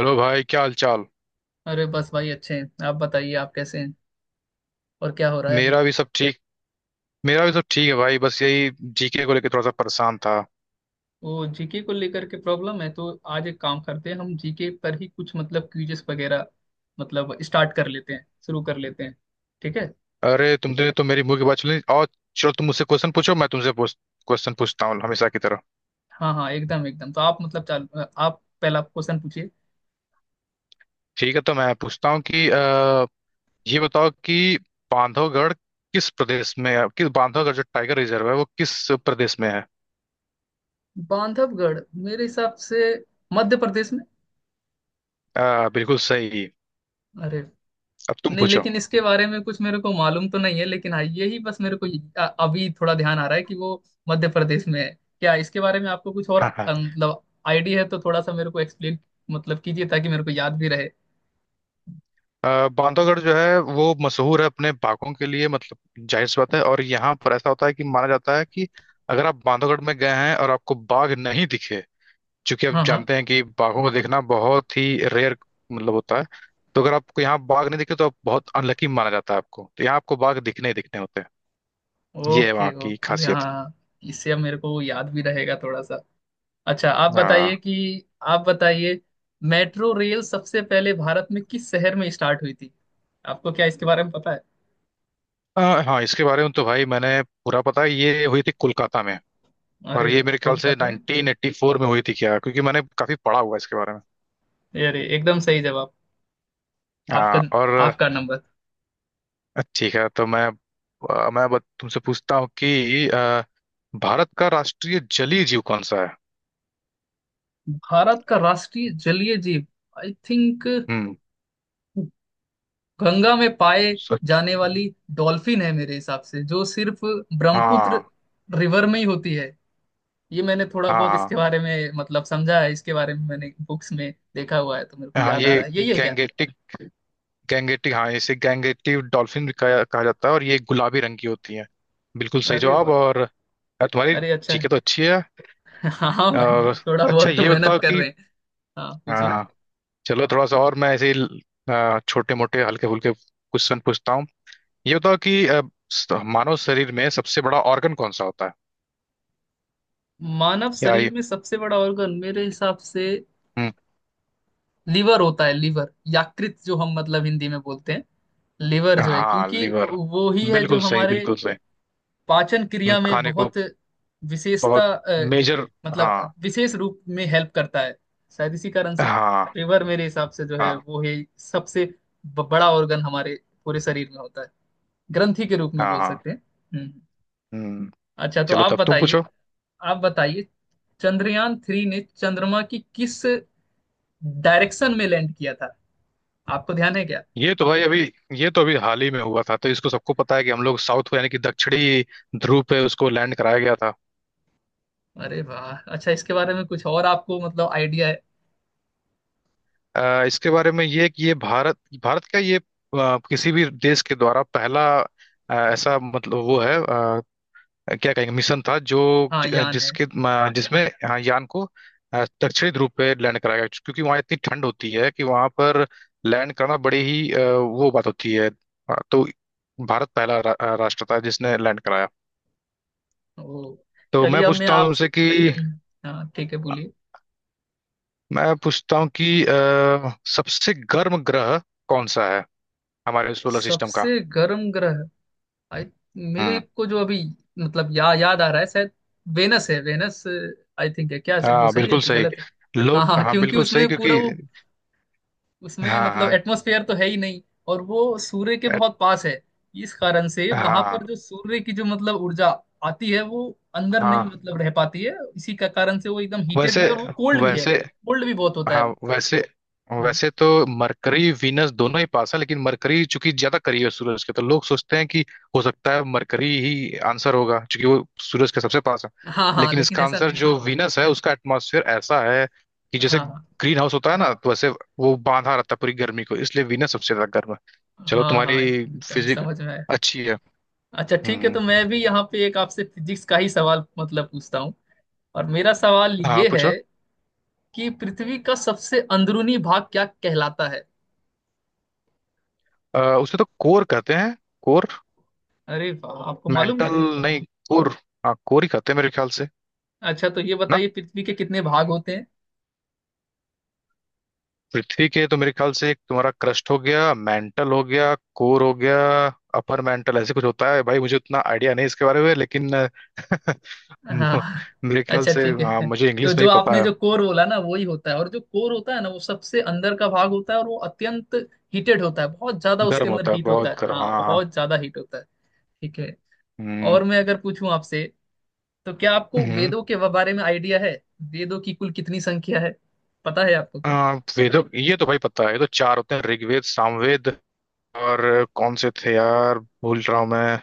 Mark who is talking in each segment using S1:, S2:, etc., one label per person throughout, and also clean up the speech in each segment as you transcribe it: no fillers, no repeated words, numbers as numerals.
S1: Hello भाई, क्या हाल चाल।
S2: अरे बस भाई, अच्छे हैं। आप बताइए आप कैसे हैं। और क्या हो रहा है अभी।
S1: मेरा भी सब ठीक मेरा भी सब ठीक है भाई, बस यही जीके को लेकर थोड़ा सा परेशान था।
S2: वो जीके को लेकर के प्रॉब्लम है तो आज एक काम करते हैं, हम जीके पर ही कुछ मतलब क्विजेस वगैरह मतलब स्टार्ट कर लेते हैं, शुरू कर लेते हैं। ठीक है।
S1: अरे, तुमने तो मेरी मुंह की बात सुनी। और चलो, तुम मुझसे क्वेश्चन पूछो, मैं तुमसे क्वेश्चन पूछता हूँ हमेशा की तरह।
S2: हाँ हाँ, एकदम एकदम, तो आप मतलब चालू, आप पहला क्वेश्चन पूछिए।
S1: ठीक है, तो मैं पूछता हूँ कि ये बताओ कि बांधवगढ़ जो टाइगर रिजर्व है वो किस प्रदेश में है।
S2: बांधवगढ़ मेरे हिसाब से मध्य प्रदेश में।
S1: बिल्कुल सही।
S2: अरे।
S1: अब तुम
S2: नहीं,
S1: पूछो।
S2: लेकिन इसके बारे में कुछ मेरे को मालूम तो नहीं है, लेकिन हाँ यही बस मेरे को अभी थोड़ा ध्यान आ रहा है कि वो मध्य प्रदेश में है। क्या इसके बारे में आपको कुछ और मतलब आइडिया है तो थोड़ा सा मेरे को एक्सप्लेन मतलब कीजिए ताकि मेरे को याद भी रहे।
S1: बांधवगढ़ जो है वो मशहूर है अपने बाघों के लिए, मतलब जाहिर सी बात है। और यहाँ पर ऐसा होता है कि माना जाता है कि अगर आप बांधवगढ़ में गए हैं और आपको बाघ नहीं दिखे, क्योंकि आप
S2: हाँ हाँ,
S1: जानते हैं कि बाघों को देखना बहुत ही रेयर मतलब होता है। तो अगर आपको यहाँ बाघ नहीं दिखे तो आप बहुत अनलकी माना जाता है, आपको तो यहाँ आपको बाघ दिखने ही दिखने होते हैं। ये है
S2: ओके
S1: वहाँ की
S2: ओके, हाँ
S1: खासियत।
S2: हाँ। इससे अब मेरे को याद भी रहेगा थोड़ा सा। अच्छा,
S1: हाँ।
S2: आप बताइए मेट्रो रेल सबसे पहले भारत में किस शहर में स्टार्ट हुई थी। आपको क्या इसके बारे में पता है।
S1: अ, हाँ, इसके बारे में तो भाई मैंने पूरा पता है। ये हुई थी कोलकाता में। और
S2: अरे
S1: ये
S2: वाह,
S1: मेरे ख्याल से
S2: कोलकाता में।
S1: 1984 में हुई थी क्या, क्योंकि मैंने काफी पढ़ा हुआ है इसके बारे में।
S2: अरे, एकदम सही जवाब। आपका
S1: हाँ। और
S2: आपका नंबर।
S1: ठीक है, तो मैं तुमसे पूछता हूँ कि भारत का राष्ट्रीय जलीय जीव कौन सा है।
S2: भारत का राष्ट्रीय जलीय जीव, आई थिंक,
S1: हम्म।
S2: गंगा में पाए
S1: सच।
S2: जाने वाली डॉल्फिन है मेरे हिसाब से, जो सिर्फ ब्रह्मपुत्र
S1: हाँ
S2: रिवर में ही होती है। ये मैंने थोड़ा
S1: हाँ।
S2: बहुत इसके बारे
S1: हाँ,
S2: में मतलब समझा है, इसके बारे में मैंने बुक्स में देखा हुआ है, तो मेरे को
S1: हाँ
S2: याद आ
S1: ये
S2: रहा है। यही है क्या?
S1: गैंगेटिक गैंगेटिक, हाँ, इसे गैंगेटिक डॉल्फिन भी कहा जाता है। और ये गुलाबी रंग की होती है। बिल्कुल सही
S2: अरे
S1: जवाब।
S2: वाह।
S1: और यार, तुम्हारी
S2: अरे, अच्छा है।
S1: जीके तो अच्छी है।
S2: हाँ भाई,
S1: और
S2: थोड़ा
S1: अच्छा,
S2: बहुत तो
S1: ये
S2: मेहनत
S1: बताओ
S2: कर
S1: कि
S2: रहे हैं। हाँ,
S1: हाँ
S2: पूछिए।
S1: हाँ, चलो थोड़ा सा और मैं ऐसे ही छोटे मोटे हल्के फुल्के क्वेश्चन पूछता हूँ। ये बताओ कि मानव शरीर में सबसे बड़ा ऑर्गन कौन सा होता है।
S2: मानव
S1: क्या
S2: शरीर
S1: ये
S2: में सबसे बड़ा ऑर्गन मेरे हिसाब से
S1: हम्म,
S2: लीवर होता है। लीवर, यकृत जो हम मतलब हिंदी में बोलते हैं। लिवर जो है,
S1: हाँ,
S2: क्योंकि
S1: लीवर।
S2: वो ही है जो
S1: बिल्कुल सही,
S2: हमारे
S1: बिल्कुल सही।
S2: पाचन क्रिया में
S1: खाने को
S2: बहुत विशेषता
S1: बहुत मेजर।
S2: मतलब
S1: हाँ
S2: विशेष रूप में हेल्प करता है। शायद इसी कारण से
S1: हाँ
S2: लिवर मेरे हिसाब से जो है,
S1: हाँ
S2: वो ही सबसे बड़ा ऑर्गन हमारे पूरे शरीर में होता है, ग्रंथि के रूप में
S1: हाँ।
S2: बोल
S1: हाँ।
S2: सकते हैं। हम्म हम्म।
S1: हम्म।
S2: अच्छा तो
S1: चलो,
S2: आप
S1: तब तुम
S2: बताइए,
S1: पूछो।
S2: आप बताइए चंद्रयान 3 ने चंद्रमा की किस डायरेक्शन में लैंड किया था। आपको ध्यान है क्या?
S1: ये तो भाई अभी ये तो अभी हाल ही में हुआ था, तो इसको सबको पता है कि हम लोग साउथ को यानी कि दक्षिणी ध्रुव पे उसको लैंड कराया गया था।
S2: अरे वाह, अच्छा। इसके बारे में कुछ और आपको मतलब आइडिया है?
S1: इसके बारे में ये कि ये भारत, का ये किसी भी देश के द्वारा पहला ऐसा मतलब वो है, क्या कहेंगे, मिशन था
S2: हाँ, यान है।
S1: जिसमें हाँ, यान को दक्षिणी ध्रुव पे लैंड कराया गया, क्योंकि वहाँ इतनी ठंड होती है कि वहाँ पर लैंड करना बड़ी ही वो बात होती है। तो भारत पहला राष्ट्र था जिसने लैंड कराया।
S2: ओ।
S1: तो
S2: चलिए
S1: मैं
S2: अब मैं
S1: पूछता हूँ
S2: आपसे।
S1: तुमसे कि
S2: हम्म, हाँ ठीक है बोलिए।
S1: मैं पूछता हूँ कि सबसे गर्म ग्रह कौन सा है हमारे सोलर सिस्टम का।
S2: सबसे गर्म ग्रह। आई मेरे
S1: हम्म।
S2: को जो अभी मतलब याद आ रहा है, शायद वेनस है, वेनस आई थिंक। है क्या? वो
S1: हाँ,
S2: सही है
S1: बिल्कुल
S2: कि
S1: सही।
S2: गलत है? हाँ
S1: लोग
S2: हाँ,
S1: हाँ,
S2: क्योंकि
S1: बिल्कुल सही,
S2: उसमें पूरा
S1: क्योंकि
S2: वो, उसमें
S1: हाँ
S2: मतलब
S1: हाँ
S2: एटमॉस्फेयर तो है ही नहीं, और वो सूर्य के
S1: अ-
S2: बहुत पास है। इस कारण से वहां
S1: हाँ
S2: पर जो सूर्य की जो मतलब ऊर्जा आती है वो अंदर नहीं
S1: हाँ
S2: मतलब रह पाती है। इसी का कारण से वो एकदम हीटेड भी
S1: वैसे,
S2: है, और वो कोल्ड भी है,
S1: वैसे,
S2: कोल्ड भी बहुत होता है
S1: हाँ,
S2: वो।
S1: वैसे
S2: हम्म।
S1: वैसे तो मरकरी वीनस दोनों ही पास है, लेकिन मरकरी चूंकि ज्यादा करीब है सूरज के, तो लोग सोचते हैं कि हो सकता है मरकरी ही आंसर होगा, क्योंकि वो सूरज के सबसे पास है।
S2: हाँ हाँ,
S1: लेकिन
S2: लेकिन
S1: इसका
S2: ऐसा
S1: आंसर
S2: नहीं।
S1: जो वीनस है, उसका एटमॉस्फेयर ऐसा है कि जैसे
S2: हाँ
S1: ग्रीन हाउस होता है ना, तो वैसे वो बांधा रहता है पूरी गर्मी को, इसलिए वीनस सबसे ज्यादा गर्म है। चलो,
S2: हाँ हाँ,
S1: तुम्हारी
S2: एकदम एकदम
S1: फिजिक
S2: समझ में आया।
S1: अच्छी है।
S2: अच्छा ठीक है,
S1: हम्म।
S2: तो मैं भी यहाँ पे एक आपसे फिजिक्स का ही सवाल मतलब पूछता हूँ। और मेरा सवाल
S1: हाँ,
S2: ये है
S1: पूछो।
S2: कि पृथ्वी का सबसे अंदरूनी भाग क्या कहलाता है?
S1: उसे तो कोर कहते हैं। कोर।
S2: अरे वाह, आपको मालूम है।
S1: मेंटल, नहीं, कोर। हाँ, कोर ही कहते हैं मेरे ख्याल से।
S2: अच्छा तो ये बताइए पृथ्वी के कितने भाग होते हैं?
S1: पृथ्वी के तो मेरे ख्याल से एक तुम्हारा क्रस्ट हो गया, मेंटल हो गया, कोर हो गया। अपर मेंटल ऐसे कुछ होता है, भाई मुझे उतना आइडिया नहीं इसके बारे में, लेकिन
S2: हाँ,
S1: मेरे ख्याल
S2: अच्छा
S1: से,
S2: ठीक
S1: हाँ,
S2: है,
S1: मुझे
S2: तो
S1: इंग्लिश में
S2: जो
S1: ही पता
S2: आपने
S1: है।
S2: जो कोर बोला ना, वही होता है। और जो कोर होता है ना, वो सबसे अंदर का भाग होता है। और वो अत्यंत हीटेड होता है, बहुत ज्यादा उसके
S1: गर्म
S2: अंदर
S1: होता है,
S2: हीट होता
S1: बहुत
S2: है।
S1: गर्म,
S2: हाँ,
S1: हाँ हाँ।
S2: बहुत ज्यादा हीट होता है। ठीक है।
S1: हम्म।
S2: और मैं अगर पूछूं आपसे तो क्या आपको
S1: हम्म।
S2: वेदों के बारे में आइडिया है? वेदों की कुल कितनी संख्या है? पता है आपको
S1: अ,
S2: क्या?
S1: वेदों, ये तो भाई पता है, ये तो चार होते हैं। ऋग्वेद, सामवेद और कौन से थे यार, भूल रहा हूँ मैं।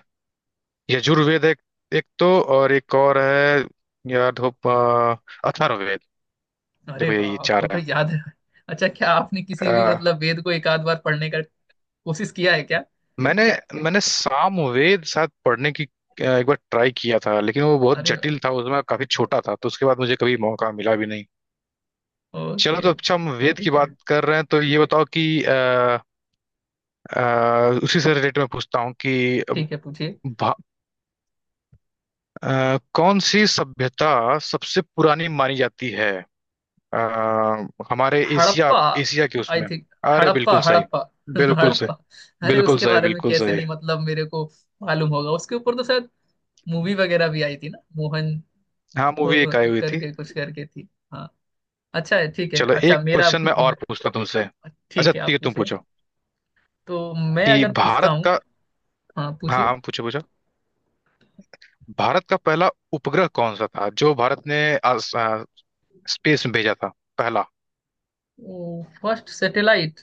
S1: यजुर्वेद एक, एक तो, और एक और है यार। धोप। अथर्ववेद।
S2: अरे
S1: देखो,
S2: वाह,
S1: यही
S2: आपको
S1: चार
S2: तो याद है। अच्छा, क्या आपने किसी भी
S1: है।
S2: मतलब वेद को एक आध बार पढ़ने का कोशिश किया है क्या?
S1: मैंने मैंने सामवेद शायद पढ़ने की एक बार ट्राई किया था, लेकिन वो बहुत
S2: अरे वाह,
S1: जटिल था, उसमें काफी छोटा था, तो उसके बाद मुझे कभी मौका मिला भी नहीं। चलो,
S2: ओके
S1: तो
S2: ओके।
S1: अच्छा, हम वेद की
S2: ठीक है
S1: बात कर रहे हैं, तो ये बताओ कि उसी से रिलेटेड मैं पूछता हूँ कि
S2: ठीक है, पूछिए।
S1: भा- कौन सी सभ्यता सबसे पुरानी मानी जाती है, अ, हमारे एशिया,
S2: हड़प्पा
S1: के
S2: आई
S1: उसमें।
S2: थिंक,
S1: अरे,
S2: हड़प्पा
S1: बिल्कुल सही,
S2: हड़प्पा,
S1: बिल्कुल सही,
S2: हड़प्पा। अरे,
S1: बिल्कुल
S2: उसके
S1: सही,
S2: बारे में
S1: बिल्कुल
S2: कैसे
S1: सही।
S2: नहीं मतलब मेरे को मालूम होगा? उसके ऊपर तो शायद मूवी वगैरह भी आई थी ना, मोहन
S1: हाँ, मूवी एक आई हुई थी।
S2: करके कुछ करके थी। हाँ, अच्छा है, ठीक है।
S1: चलो,
S2: अच्छा,
S1: एक
S2: मेरा
S1: क्वेश्चन मैं और पूछता हूं तुमसे। अच्छा,
S2: ठीक है,
S1: ठीक
S2: आप
S1: है, तुम
S2: पूछिए।
S1: पूछो।
S2: तो मैं
S1: कि
S2: अगर पूछता
S1: भारत
S2: हूँ।
S1: का
S2: हाँ,
S1: हाँ
S2: पूछिए।
S1: हाँ, पूछो पूछो। भारत का पहला उपग्रह कौन सा था जो भारत ने आस- आ, स्पेस में भेजा था पहला।
S2: फर्स्ट सैटेलाइट,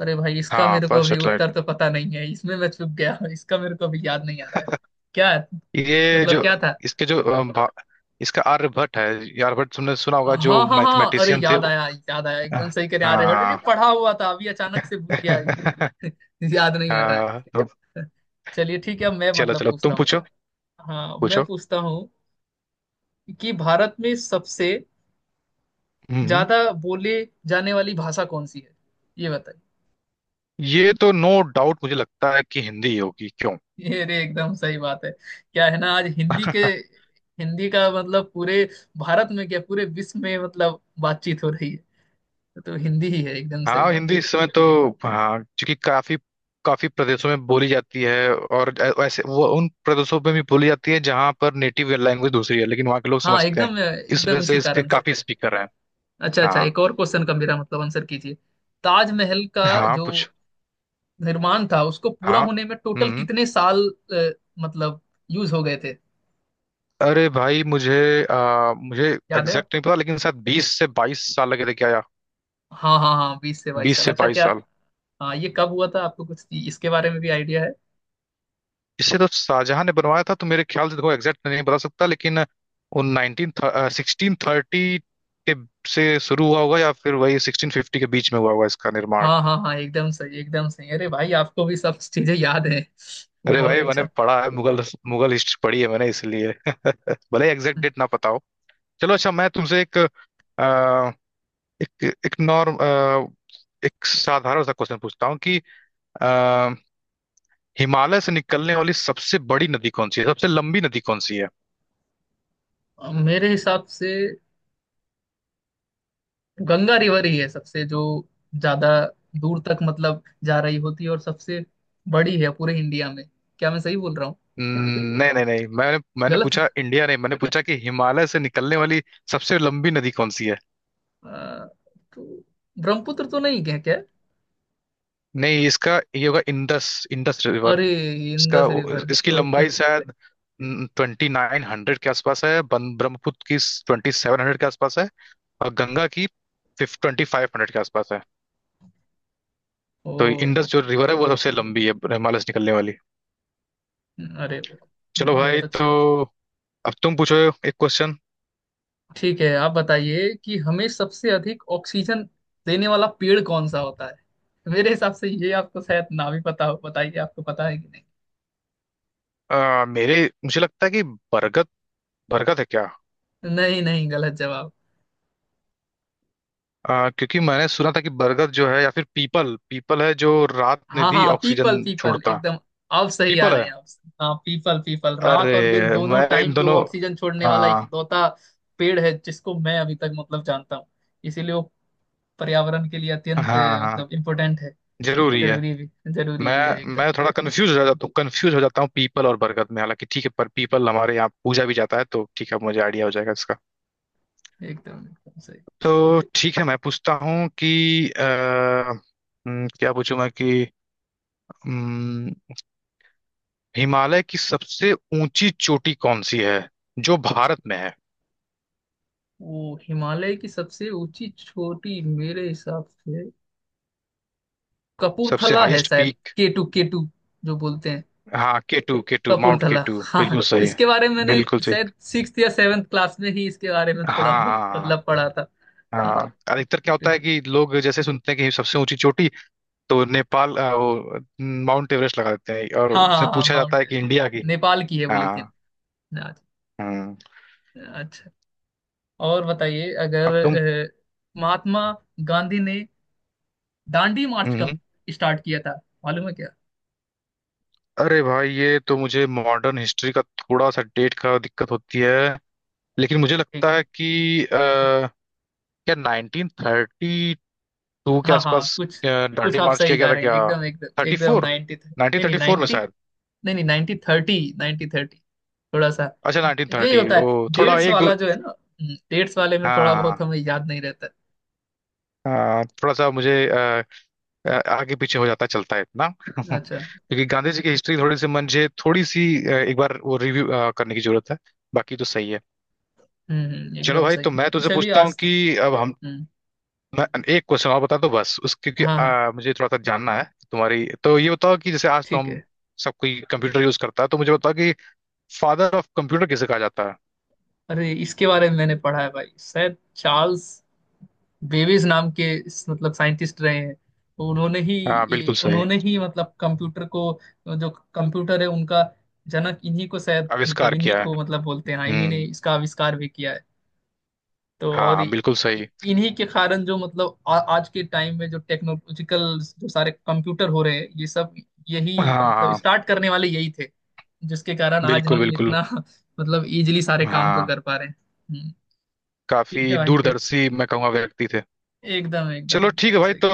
S2: अरे भाई इसका
S1: हाँ,
S2: मेरे को
S1: फर्स्ट
S2: अभी उत्तर
S1: सैटेलाइट।
S2: तो पता नहीं है। इसमें मैं चूक गया, इसका मेरे को अभी याद नहीं आ रहा है। क्या है?
S1: ये
S2: मतलब
S1: जो
S2: क्या था?
S1: इसके जो अ, भा- इसका आर्यभट्ट है। ये आर्यभट्ट तुमने सुना होगा, जो
S2: हाँ हाँ हाँ, अरे
S1: मैथमेटिशियन थे
S2: याद
S1: वो।
S2: आया, याद आया, एकदम सही कह। अरे बट, अरे
S1: हाँ
S2: पढ़ा हुआ था अभी, अचानक से भूल गया याद नहीं आ रहा है।
S1: हाँ, तो
S2: चलिए ठीक है, अब मैं
S1: चलो
S2: मतलब
S1: चलो,
S2: पूछता
S1: तुम
S2: हूँ,
S1: पूछो।
S2: हाँ मैं
S1: पूछो।
S2: पूछता हूँ कि भारत में सबसे
S1: हम्म।
S2: ज्यादा बोले जाने वाली भाषा कौन सी है। ये बताइए।
S1: ये तो नो डाउट, मुझे लगता है कि हिंदी ही होगी, क्यों?
S2: ये रे, एकदम सही बात है। क्या है ना, आज हिंदी के, हिंदी का मतलब पूरे भारत में क्या, पूरे विश्व में मतलब बातचीत हो रही है, तो हिंदी ही है। एकदम सही
S1: हाँ,
S2: बात
S1: हिंदी
S2: है।
S1: इस समय तो हाँ, क्योंकि काफी काफी प्रदेशों में बोली जाती है, और वैसे वो उन प्रदेशों में भी बोली जाती है जहाँ पर नेटिव लैंग्वेज दूसरी है, लेकिन वहाँ के लोग
S2: हाँ,
S1: समझते हैं।
S2: एकदम
S1: इस
S2: एकदम,
S1: वजह से
S2: इसी
S1: इसके
S2: कारण से।
S1: काफी स्पीकर हैं।
S2: अच्छा अच्छा,
S1: हाँ
S2: एक और क्वेश्चन का मेरा मतलब आंसर कीजिए। ताजमहल का
S1: हाँ,
S2: जो
S1: कुछ।
S2: निर्माण था, उसको पूरा
S1: हाँ।
S2: होने में टोटल
S1: हम्म।
S2: कितने साल अ, मतलब यूज हो गए थे?
S1: अरे भाई, मुझे आ, मुझे
S2: याद है
S1: एग्जैक्ट नहीं
S2: आपको?
S1: पता, लेकिन शायद 20 से 22 साल लगे थे क्या, या
S2: हाँ हाँ हाँ, बीस से बाईस
S1: बीस
S2: साल
S1: से
S2: अच्छा
S1: बाईस
S2: क्या?
S1: साल
S2: हाँ, ये कब हुआ था? आपको कुछ इसके बारे में भी आइडिया है?
S1: इसे तो शाहजहां ने बनवाया था। तो मेरे ख्याल से, देखो, एग्जैक्ट नहीं बता सकता, लेकिन उन नाइनटीन 1630 के से शुरू हुआ होगा, या फिर वही 1650 के बीच में हुआ होगा इसका निर्माण।
S2: हाँ हाँ हाँ, एकदम सही एकदम सही, अरे भाई आपको भी सब चीजें याद है,
S1: अरे
S2: बहुत
S1: भाई, मैंने
S2: अच्छा।
S1: पढ़ा है मुगल मुगल हिस्ट्री पढ़ी है मैंने, इसलिए भले एग्जैक्ट डेट ना पता हो। चलो, अच्छा, मैं तुमसे एक आ, एक एक नॉर्म एक साधारण सा क्वेश्चन पूछता हूँ कि अ, हिमालय से निकलने वाली सबसे बड़ी नदी कौन सी है, सबसे लंबी नदी कौन सी है।
S2: मेरे हिसाब से गंगा रिवर ही है सबसे जो ज्यादा दूर तक मतलब जा रही होती है, और सबसे बड़ी है पूरे इंडिया में। क्या मैं सही बोल रहा हूँ?
S1: नहीं नहीं नहीं, मैंने मैंने
S2: गलत है?
S1: पूछा, इंडिया नहीं, मैंने पूछा कि हिमालय से निकलने वाली सबसे लंबी नदी कौन सी है।
S2: अ, तो ब्रह्मपुत्र तो नहीं, क्या क्या?
S1: नहीं, इसका ये होगा इंडस इंडस रिवर।
S2: अरे,
S1: इसका
S2: इंदस रिवर,
S1: इसकी
S2: ओके।
S1: लंबाई शायद 2900 के आसपास है। ब्रह्मपुत्र की 2700 के आसपास है। और गंगा की 2500 के आसपास है।
S2: ओ,
S1: तो इंडस जो
S2: ओके।
S1: रिवर है, वो सबसे लंबी है हिमालय से निकलने वाली।
S2: अरे,
S1: चलो भाई,
S2: बहुत अच्छी
S1: तो
S2: बात।
S1: अब तुम पूछो एक क्वेश्चन।
S2: ठीक है, आप बताइए कि हमें सबसे अधिक ऑक्सीजन देने वाला पेड़ कौन सा होता है? मेरे हिसाब से ये आपको शायद ना भी पता हो, बताइए आपको पता है कि नहीं?
S1: मेरे मुझे लगता है कि बरगद बरगद है क्या।
S2: नहीं नहीं, गलत जवाब।
S1: क्योंकि मैंने सुना था कि बरगद जो है या फिर पीपल पीपल है जो रात में
S2: हाँ
S1: भी
S2: हाँ,
S1: ऑक्सीजन
S2: पीपल पीपल
S1: छोड़ता है।
S2: एकदम, आप सही आ
S1: पीपल
S2: रहे
S1: है।
S2: हैं आप। हाँ पीपल, पीपल
S1: पीपल,
S2: रात
S1: अरे
S2: और दिन
S1: है,
S2: दोनों
S1: मैं इन
S2: टाइम पे
S1: दोनों
S2: वो ऑक्सीजन छोड़ने वाला
S1: हाँ
S2: इकलौता पेड़ है जिसको मैं अभी तक मतलब जानता हूँ। इसीलिए वो पर्यावरण के लिए अत्यंत
S1: हाँ हाँ
S2: मतलब इम्पोर्टेंट है।
S1: जरूरी है।
S2: जरूरी भी, जरूरी
S1: मैं
S2: भी है, एकदम
S1: मैं थोड़ा कंफ्यूज हो जाता हूँ पीपल और बरगद में। हालांकि ठीक है, पर पीपल हमारे यहाँ पूजा भी जाता है, तो ठीक है, मुझे आइडिया हो जाएगा इसका।
S2: एकदम एकदम सही।
S1: तो ठीक है, मैं पूछता हूँ कि क्या पूछूं मैं कि हम्म, हिमालय की सबसे ऊंची चोटी कौन सी है जो भारत में है।
S2: वो हिमालय की सबसे ऊंची चोटी मेरे हिसाब से
S1: सबसे
S2: कपूरथला है
S1: हाईएस्ट
S2: शायद,
S1: पीक।
S2: K2 केटू जो बोलते हैं।
S1: हाँ, K2, के टू माउंट, के
S2: कपूरथला,
S1: टू,
S2: हाँ
S1: बिल्कुल सही बताइए।
S2: इसके बारे में मैंने
S1: बिल्कुल सही।
S2: शायद सिक्स या सेवेंथ क्लास में ही इसके बारे में थोड़ा
S1: हाँ
S2: बहुत
S1: हाँ
S2: मतलब पढ़ा था।
S1: हाँ
S2: हाँ,
S1: हाँ। अधिकतर क्या होता
S2: K2।
S1: है कि लोग जैसे सुनते हैं कि सबसे ऊंची चोटी, तो नेपाल अ, वो न, माउंट एवरेस्ट लगा देते हैं, और
S2: हाँ
S1: उससे
S2: हाँ हाँ,
S1: पूछा जाता
S2: माउंट
S1: है कि
S2: एवरेस्ट।
S1: इंडिया की।
S2: नेपाल की है वो लेकिन।
S1: हाँ।
S2: अच्छा
S1: हम्म
S2: अच्छा। और बताइए अगर
S1: अब तुम
S2: महात्मा गांधी ने दांडी मार्च कब
S1: हम्म
S2: स्टार्ट किया था? मालूम है क्या?
S1: अरे भाई, ये तो मुझे मॉडर्न हिस्ट्री का थोड़ा सा डेट का दिक्कत होती है। लेकिन मुझे
S2: ठीक
S1: लगता
S2: है,
S1: है कि क्या 1932 के
S2: हाँ हाँ
S1: आसपास
S2: कुछ,
S1: अ,
S2: कुछ
S1: दांडी
S2: आप
S1: मार्च किया
S2: सही
S1: गया
S2: जा
S1: था
S2: रहे हैं,
S1: क्या।
S2: एकदम एकदम
S1: थर्टी
S2: एकदम
S1: फोर
S2: नाइनटी,
S1: नाइनटीन
S2: नहीं नहीं,
S1: थर्टी फोर में
S2: नाइनटी।
S1: शायद।
S2: नहीं नहीं, 1930, 1930 थोड़ा सा,
S1: अच्छा, नाइनटीन
S2: यही
S1: थर्टी
S2: होता
S1: ओ
S2: है
S1: थोड़ा
S2: डेट्स
S1: एक दो।
S2: वाला जो है ना। डेट्स वाले में थोड़ा बहुत
S1: हाँ
S2: हमें याद नहीं रहता।
S1: हाँ, थोड़ा सा मुझे आगे पीछे हो जाता, चलता है इतना।
S2: है। अच्छा,
S1: क्योंकि गांधी जी की हिस्ट्री थोड़ी सी मुझे थोड़ी सी एक बार वो रिव्यू करने की जरूरत है। बाकी तो सही है। चलो
S2: एकदम
S1: भाई,
S2: सही
S1: तो
S2: है,
S1: मैं तुझसे
S2: चलिए
S1: पूछता हूँ
S2: आज तो।
S1: कि अब हम
S2: हम्म,
S1: मैं एक क्वेश्चन और बता दो बस उस, क्योंकि
S2: हाँ हाँ
S1: मुझे थोड़ा सा जानना है तुम्हारी। तो ये बताओ कि जैसे आज तो
S2: ठीक
S1: हम
S2: है।
S1: सब कोई कंप्यूटर यूज करता है, तो मुझे बताओ कि फादर ऑफ कंप्यूटर किसे कहा जाता है।
S2: अरे, इसके बारे में मैंने पढ़ा है भाई, शायद चार्ल्स बेबेज नाम के मतलब साइंटिस्ट रहे हैं, तो उन्होंने ही
S1: हाँ, बिल्कुल सही।
S2: उन्होंने ही मतलब कंप्यूटर को, जो कंप्यूटर है उनका जनक इन्हीं को शायद, मतलब
S1: आविष्कार
S2: इन्हीं
S1: किया है।
S2: को मतलब बोलते हैं। हाँ, इन्हीं ने
S1: हम्म।
S2: इसका आविष्कार भी किया है। तो और
S1: हाँ, बिल्कुल
S2: इ-
S1: सही।
S2: इन्हीं के कारण जो मतलब आज के टाइम में जो टेक्नोलॉजिकल जो सारे कंप्यूटर हो रहे हैं ये सब, यही
S1: हाँ
S2: मतलब
S1: हाँ।
S2: स्टार्ट करने वाले यही थे, जिसके कारण आज
S1: बिल्कुल
S2: हम
S1: बिल्कुल।
S2: इतना मतलब इजीली सारे काम को
S1: हाँ,
S2: कर पा रहे हैं। हम्म,
S1: काफी
S2: ठीक है भाई फिर,
S1: दूरदर्शी, मैं कहूँगा, व्यक्ति थे।
S2: एकदम एकदम
S1: चलो, ठीक
S2: एकदम
S1: है भाई,
S2: सही।
S1: तो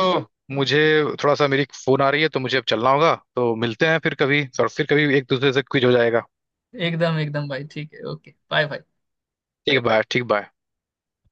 S1: मुझे थोड़ा सा, मेरी फोन आ रही है, तो मुझे अब चलना होगा, तो मिलते हैं फिर कभी और फिर कभी एक दूसरे से क्विज हो जाएगा।
S2: एकदम एकदम भाई, ठीक है, ओके, बाय बाय।
S1: ठीक है, बाय, ठीक, बाय।